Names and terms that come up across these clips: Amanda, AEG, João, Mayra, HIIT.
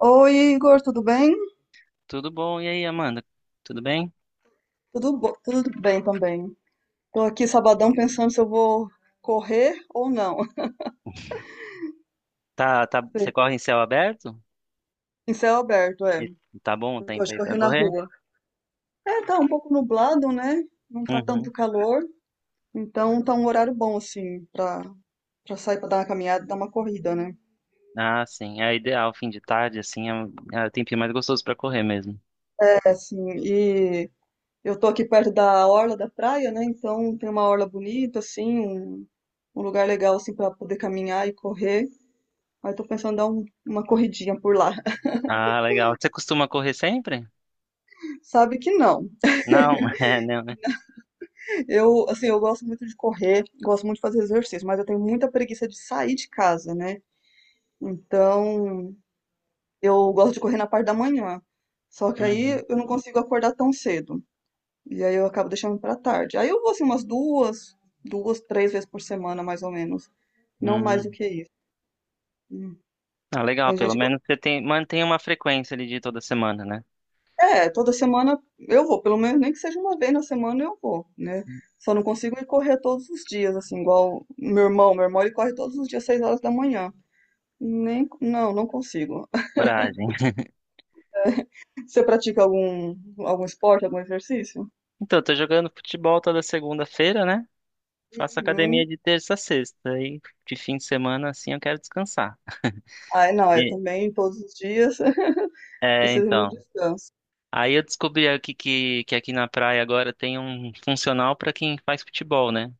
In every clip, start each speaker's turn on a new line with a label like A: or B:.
A: Oi, Igor, tudo bem?
B: Tudo bom? E aí, Amanda? Tudo bem?
A: Tudo, tudo bem também. Tô aqui sabadão pensando se eu vou correr ou não.
B: Tá, tá, você corre em céu aberto?
A: Em céu aberto, é.
B: E tá bom o tempo
A: Hoje
B: aí
A: corri
B: pra
A: na
B: correr?
A: rua. É, tá um pouco nublado, né? Não tá tanto
B: Uhum.
A: calor, então tá um horário bom assim pra para sair pra dar uma caminhada, dar uma corrida, né?
B: Ah, sim. É ideal, fim de tarde, assim, é o tempinho mais gostoso pra correr mesmo.
A: É assim, e eu tô aqui perto da orla da praia, né? Então tem uma orla bonita assim, um lugar legal assim para poder caminhar e correr. Aí tô pensando em dar uma corridinha por lá.
B: Ah, legal. Você costuma correr sempre?
A: Sabe que não.
B: Não, é, não, né?
A: Eu, assim, eu gosto muito de correr, gosto muito de fazer exercício, mas eu tenho muita preguiça de sair de casa, né? Então, eu gosto de correr na parte da manhã. Só que
B: Uhum.
A: aí eu não consigo acordar tão cedo. E aí eu acabo deixando pra tarde. Aí eu vou assim umas duas, duas, três vezes por semana, mais ou menos. Não mais do
B: Uhum.
A: que isso. Hum.
B: Ah, legal,
A: Tem
B: pelo
A: gente,
B: menos você mantém uma frequência ali de toda semana, né?
A: é, toda semana eu vou, pelo menos nem que seja uma vez na semana eu vou, né? Só não consigo ir correr todos os dias, assim, igual meu irmão. Meu irmão ele corre todos os dias, 6 horas da manhã. Nem, não, não consigo.
B: Coragem.
A: Você pratica algum esporte, algum exercício?
B: Então, eu tô jogando futebol toda segunda-feira, né? Faço
A: Uhum.
B: academia de terça a sexta. E de fim de semana, assim, eu quero descansar.
A: Ai, não, é
B: E,
A: também todos os dias, precisa de um
B: então.
A: descanso.
B: Aí eu descobri aqui que aqui na praia agora tem um funcional para quem faz futebol, né?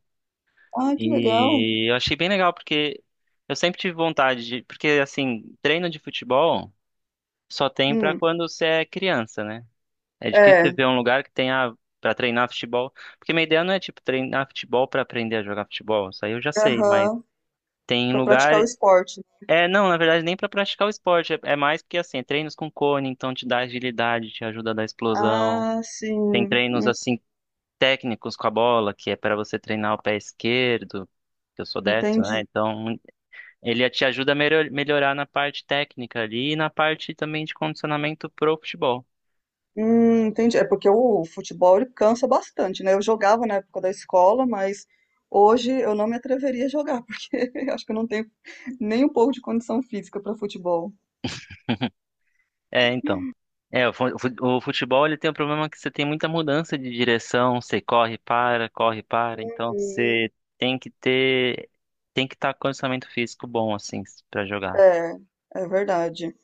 A: Ah, que legal.
B: E eu achei bem legal porque eu sempre tive vontade de, porque assim, treino de futebol só tem para
A: Hum,
B: quando você é criança, né? É difícil
A: é,
B: você ver um lugar que tenha para treinar futebol, porque minha ideia não é tipo treinar futebol para aprender a jogar futebol, isso aí eu já sei, mas
A: aham,
B: tem
A: pra
B: lugar,
A: praticar o esporte.
B: é, não, na verdade nem para praticar o esporte, é mais porque assim, treinos com cone, então te dá agilidade, te ajuda a dar explosão.
A: Ah,
B: Tem
A: sim,
B: treinos assim técnicos com a bola, que é para você treinar o pé esquerdo, que eu sou destro, né?
A: entendi.
B: Então, ele te ajuda a melhorar na parte técnica ali e na parte também de condicionamento pro futebol.
A: Entendi. É porque o futebol ele cansa bastante, né? Eu jogava na época da escola, mas hoje eu não me atreveria a jogar, porque eu acho que eu não tenho nem um pouco de condição física para futebol.
B: É, então. É, o futebol ele tem o problema que você tem muita mudança de direção, você corre, para, corre, para, então
A: Hum,
B: você tem que estar com condicionamento físico bom, assim, pra jogar.
A: É, é verdade.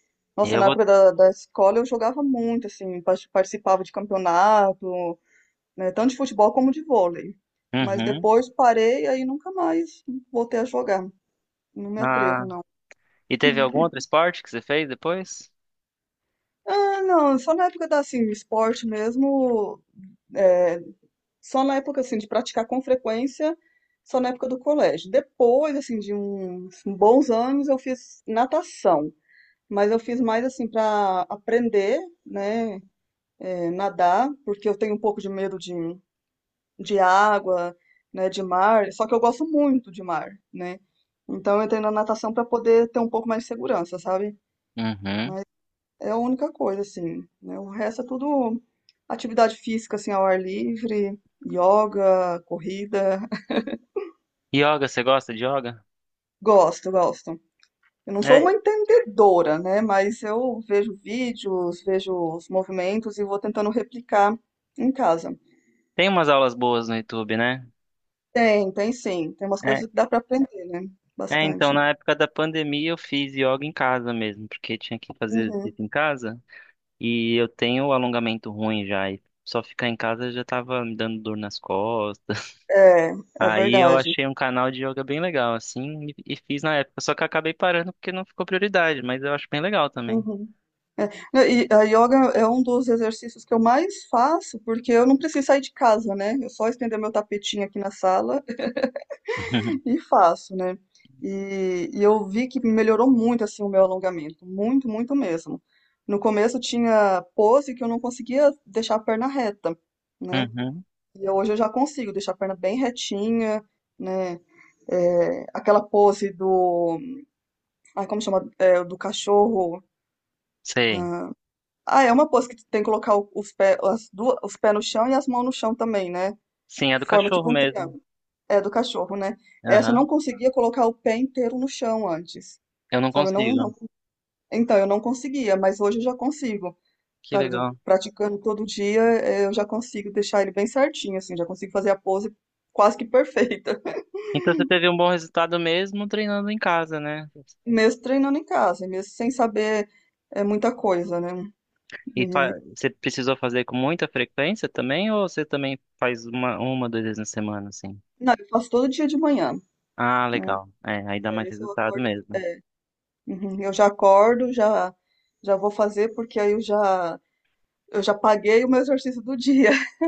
B: E
A: Nossa,
B: eu
A: na
B: vou.
A: época da escola eu jogava muito, assim, participava de campeonato, né, tanto de futebol como de vôlei. Mas
B: Uhum.
A: depois parei, aí nunca mais voltei a jogar. Não me
B: Ah,
A: atrevo, não.
B: e teve algum outro esporte que você fez depois?
A: Ah, não, só na época da, assim, esporte mesmo, é, só na época, assim, de praticar com frequência, só na época do colégio. Depois, assim, de uns bons anos, eu fiz natação, mas eu fiz mais, assim, para aprender, né, é, nadar, porque eu tenho um pouco de medo de água, né, de mar, só que eu gosto muito de mar, né? Então, eu entrei na natação para poder ter um pouco mais de segurança, sabe?
B: Uhum.
A: É a única coisa, assim, né? O resto é tudo atividade física, assim, ao ar livre, yoga, corrida.
B: Yoga, você gosta de yoga?
A: Gosto, gosto. Eu não sou uma
B: É,
A: entendedora, né? Mas eu vejo vídeos, vejo os movimentos e vou tentando replicar em casa.
B: tem umas aulas boas no YouTube, né?
A: Tem, tem sim. Tem umas
B: É,
A: coisas que dá para aprender, né?
B: é, então,
A: Bastante.
B: na época da pandemia eu fiz yoga em casa mesmo, porque tinha que fazer
A: Uhum.
B: exercício em casa e eu tenho alongamento ruim já, e só ficar em casa já tava me dando dor nas costas.
A: É, é
B: Aí eu
A: verdade.
B: achei um canal de yoga bem legal, assim, e fiz na época, só que eu acabei parando porque não ficou prioridade, mas eu acho bem legal também.
A: Uhum. É, não, e a yoga é um dos exercícios que eu mais faço, porque eu não preciso sair de casa, né? Eu só estender meu tapetinho aqui na sala e faço, né? E eu vi que melhorou muito, assim, o meu alongamento. Muito, muito mesmo. No começo tinha pose que eu não conseguia deixar a perna reta, né?
B: Uhum,
A: E hoje eu já consigo deixar a perna bem retinha, né? É, aquela pose do, ai, como chama? É, do cachorro.
B: sei.
A: Ah, Ah, é uma pose que tu tem que colocar os pés, as duas, os pés no chão e as mãos no chão também, né?
B: Sim, é do
A: Forma
B: cachorro
A: tipo um
B: mesmo.
A: triângulo. É do cachorro, né? Essa eu não
B: Aham.
A: conseguia colocar o pé inteiro no chão antes,
B: Eu não
A: sabe? Eu não,
B: consigo.
A: não, então eu não conseguia, mas hoje eu já consigo,
B: Que
A: sabe? Eu
B: legal.
A: praticando todo dia, eu já consigo deixar ele bem certinho, assim, já consigo fazer a pose quase que perfeita.
B: Então você teve um bom resultado mesmo treinando em casa, né?
A: Mesmo treinando em casa, mesmo sem saber muita coisa, né? E-
B: Você precisou fazer com muita frequência também, ou você também faz uma, duas vezes na semana, assim?
A: não, eu faço todo dia de manhã,
B: Ah,
A: né?
B: legal. É, aí dá mais
A: É, esse eu
B: resultado
A: acordo.
B: mesmo.
A: É, uhum, eu já acordo, já vou fazer porque aí eu já paguei o meu exercício do dia.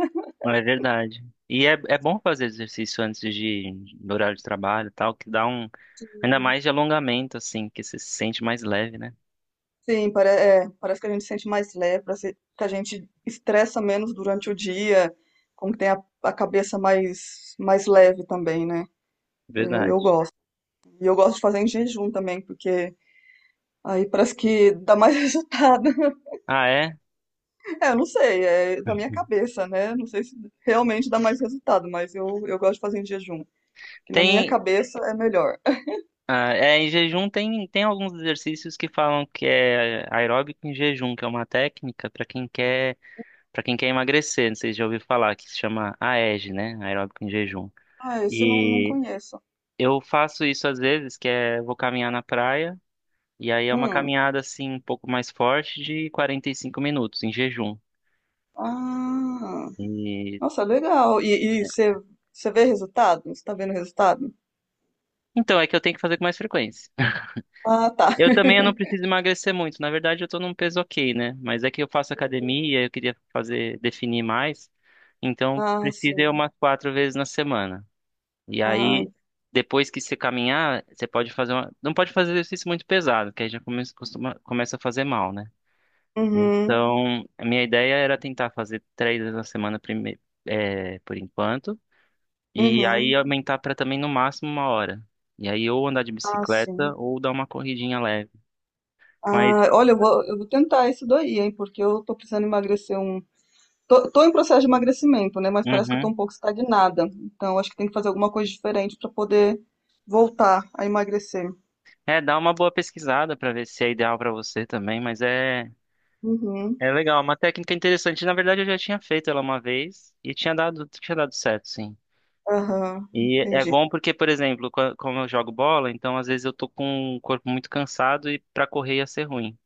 B: É verdade. E é bom fazer exercício antes de ir horário de trabalho e tal, que dá um, ainda mais de alongamento, assim, que você se sente mais leve, né?
A: Sim, parece que a gente se sente mais leve, parece que a gente estressa menos durante o dia, como que tem a cabeça mais leve também, né? Eu,
B: Verdade.
A: eu gosto. E eu gosto de fazer em jejum também, porque aí parece que dá mais resultado.
B: Ah, é?
A: É, eu não sei, é da minha cabeça, né? Não sei se realmente dá mais resultado, mas eu gosto de fazer em jejum, que na minha
B: Tem,
A: cabeça é melhor.
B: Em jejum tem alguns exercícios que falam que é aeróbico em jejum, que é uma técnica para quem quer Pra quem quer emagrecer, não sei se já ouviu falar, que se chama AEG, né? Aeróbico em jejum.
A: Ah, esse eu não, não
B: E
A: conheço.
B: eu faço isso às vezes, que é vou caminhar na praia, e aí é uma
A: Hum.
B: caminhada assim um pouco mais forte de 45 minutos em jejum.
A: Ah,
B: E
A: nossa, legal. E
B: é,
A: você vê resultado? Você tá vendo resultado?
B: então é que eu tenho que fazer com mais frequência.
A: Ah, tá.
B: Eu também, eu não preciso emagrecer muito, na verdade eu tô num peso ok, né? Mas é que eu faço academia, eu queria fazer definir mais, então
A: Ah,
B: precisa ir
A: sim.
B: umas quatro vezes na semana. E
A: Ah,
B: aí, depois que você caminhar, você pode fazer Não pode fazer exercício muito pesado, que aí já começa a fazer mal, né?
A: uhum,
B: Então, a minha ideia era tentar fazer três vezes na semana por enquanto, e aí
A: uhum.
B: aumentar para também no máximo uma hora. E aí, ou andar de
A: Ah,
B: bicicleta,
A: sim.
B: ou dar uma corridinha leve. Mas,
A: Ah, olha, eu vou tentar isso daí, hein, porque eu tô precisando emagrecer um. Tô em processo de emagrecimento, né, mas parece que eu tô
B: uhum.
A: um pouco estagnada. Então, acho que tem que fazer alguma coisa diferente para poder voltar a emagrecer.
B: É, dá uma boa pesquisada para ver se é ideal para você também, mas é.
A: Uhum,
B: É legal, é uma técnica interessante. Na verdade, eu já tinha feito ela uma vez e tinha dado certo, sim.
A: aham,
B: E é
A: entendi.
B: bom porque, por exemplo, como eu jogo bola, então às vezes eu tô com o corpo muito cansado e para correr ia ser ruim.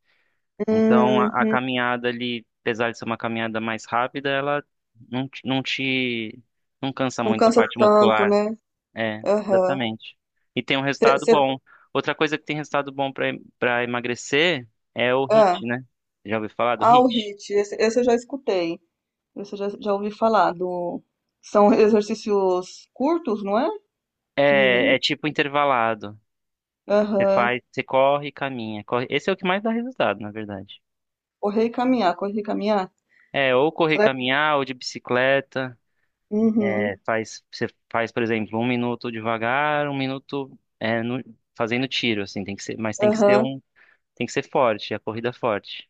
B: Então a
A: Uhum.
B: caminhada ali, apesar de ser uma caminhada mais rápida, ela não, te- não te, não cansa
A: Não
B: muito a
A: cansa
B: parte
A: tanto,
B: muscular.
A: né?
B: É,
A: Aham.
B: exatamente. E tem um
A: Cê-
B: resultado
A: cê-
B: bom. Outra coisa que tem resultado bom para emagrecer é o
A: ah,
B: HIIT, né? Já ouviu falar do
A: o
B: HIIT?
A: HIIT, esse eu já escutei. Esse eu já ouvi falar do. São exercícios curtos, não é? Que.
B: É tipo intervalado.
A: Aham.
B: Você corre e caminha. Corre. Esse é o que mais dá resultado, na verdade.
A: Correr e caminhar, correr e caminhar.
B: É, ou correr,
A: Será que-
B: caminhar, ou de bicicleta. É,
A: Uhum.
B: você faz, por exemplo, um minuto devagar, um minuto fazendo tiro, assim, mas tem que ser
A: Aham.
B: um, tem que ser forte, a corrida forte.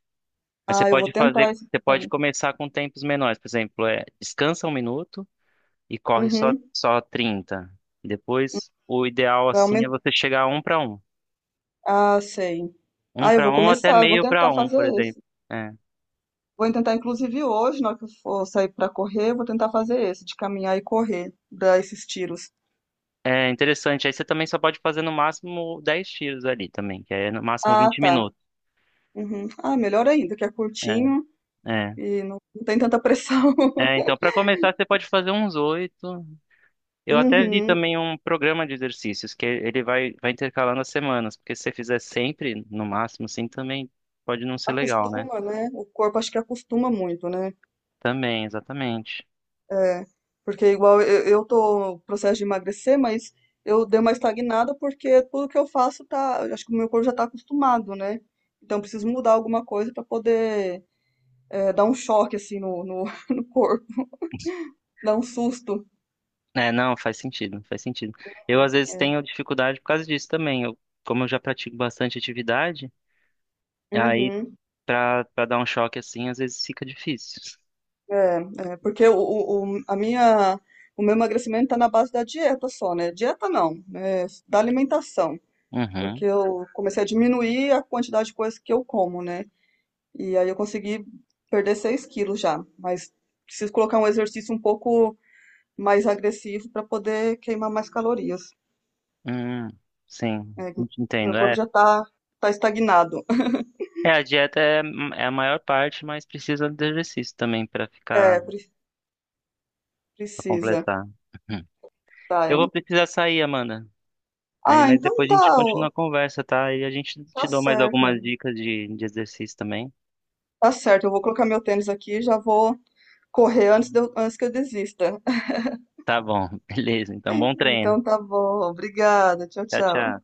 B: Mas
A: Ah, eu vou tentar esse
B: você pode
A: também.
B: começar com tempos menores, por exemplo, descansa um minuto e corre só
A: Uhum.
B: só 30. Depois, o ideal
A: Vai
B: assim é
A: aumentar.
B: você chegar a
A: Ah, sei.
B: um
A: Ah, eu
B: para
A: vou
B: um até
A: começar, eu vou
B: meio para
A: tentar
B: um,
A: fazer
B: por exemplo.
A: esse.
B: É.
A: Vou tentar, inclusive, hoje, na hora que eu for sair para correr, eu vou tentar fazer esse, de caminhar e correr, dar esses tiros.
B: É interessante. Aí você também só pode fazer no máximo 10 tiros ali também, que aí é no máximo
A: Ah,
B: 20
A: tá.
B: minutos.
A: Uhum. Ah, melhor ainda, que é
B: É,
A: curtinho
B: é.
A: e não tem tanta pressão.
B: É, então, para começar, você pode fazer uns oito. Eu até vi
A: Uhum.
B: também um programa de exercícios, que ele vai intercalando as semanas, porque se você fizer sempre, no máximo, assim, também pode não ser legal, né?
A: Acostuma, né? O corpo acho que acostuma muito, né?
B: Também, exatamente.
A: É, porque igual eu tô no processo de emagrecer, mas eu dei uma estagnada porque tudo que eu faço tá, eu acho que o meu corpo já tá acostumado, né? Então eu preciso mudar alguma coisa para poder dar um choque assim no corpo, dar um susto.
B: É, não, faz sentido, faz sentido. Eu,
A: Uhum,
B: às vezes,
A: é.
B: tenho dificuldade por causa disso também. Eu, como eu já pratico bastante atividade, aí,
A: Uhum.
B: para dar um choque assim, às vezes fica difícil.
A: É, é, porque a minha, o meu emagrecimento está na base da dieta só, né? Dieta não, da alimentação. Porque
B: Uhum.
A: eu comecei a diminuir a quantidade de coisas que eu como, né? E aí eu consegui perder 6 quilos já. Mas preciso colocar um exercício um pouco mais agressivo para poder queimar mais calorias.
B: Hum, sim,
A: É, meu
B: entendo.
A: corpo
B: É,
A: já está tá tá estagnado.
B: É, a dieta é a maior parte, mas precisa de exercício também pra ficar,
A: É,
B: para
A: precisa.
B: completar. Uhum.
A: Tá,
B: Eu
A: é.
B: vou precisar sair, Amanda. Aí,
A: Ah,
B: mas
A: então
B: depois a gente
A: tá, ó,
B: continua a conversa, tá? E a gente
A: tá
B: te dou mais
A: certo.
B: algumas dicas de exercício também.
A: Tá certo, eu vou colocar meu tênis aqui e já vou correr antes, antes que eu desista.
B: Tá bom, beleza. Então, bom treino.
A: Então tá bom, obrigada, tchau,
B: Tchau, tchau.
A: tchau.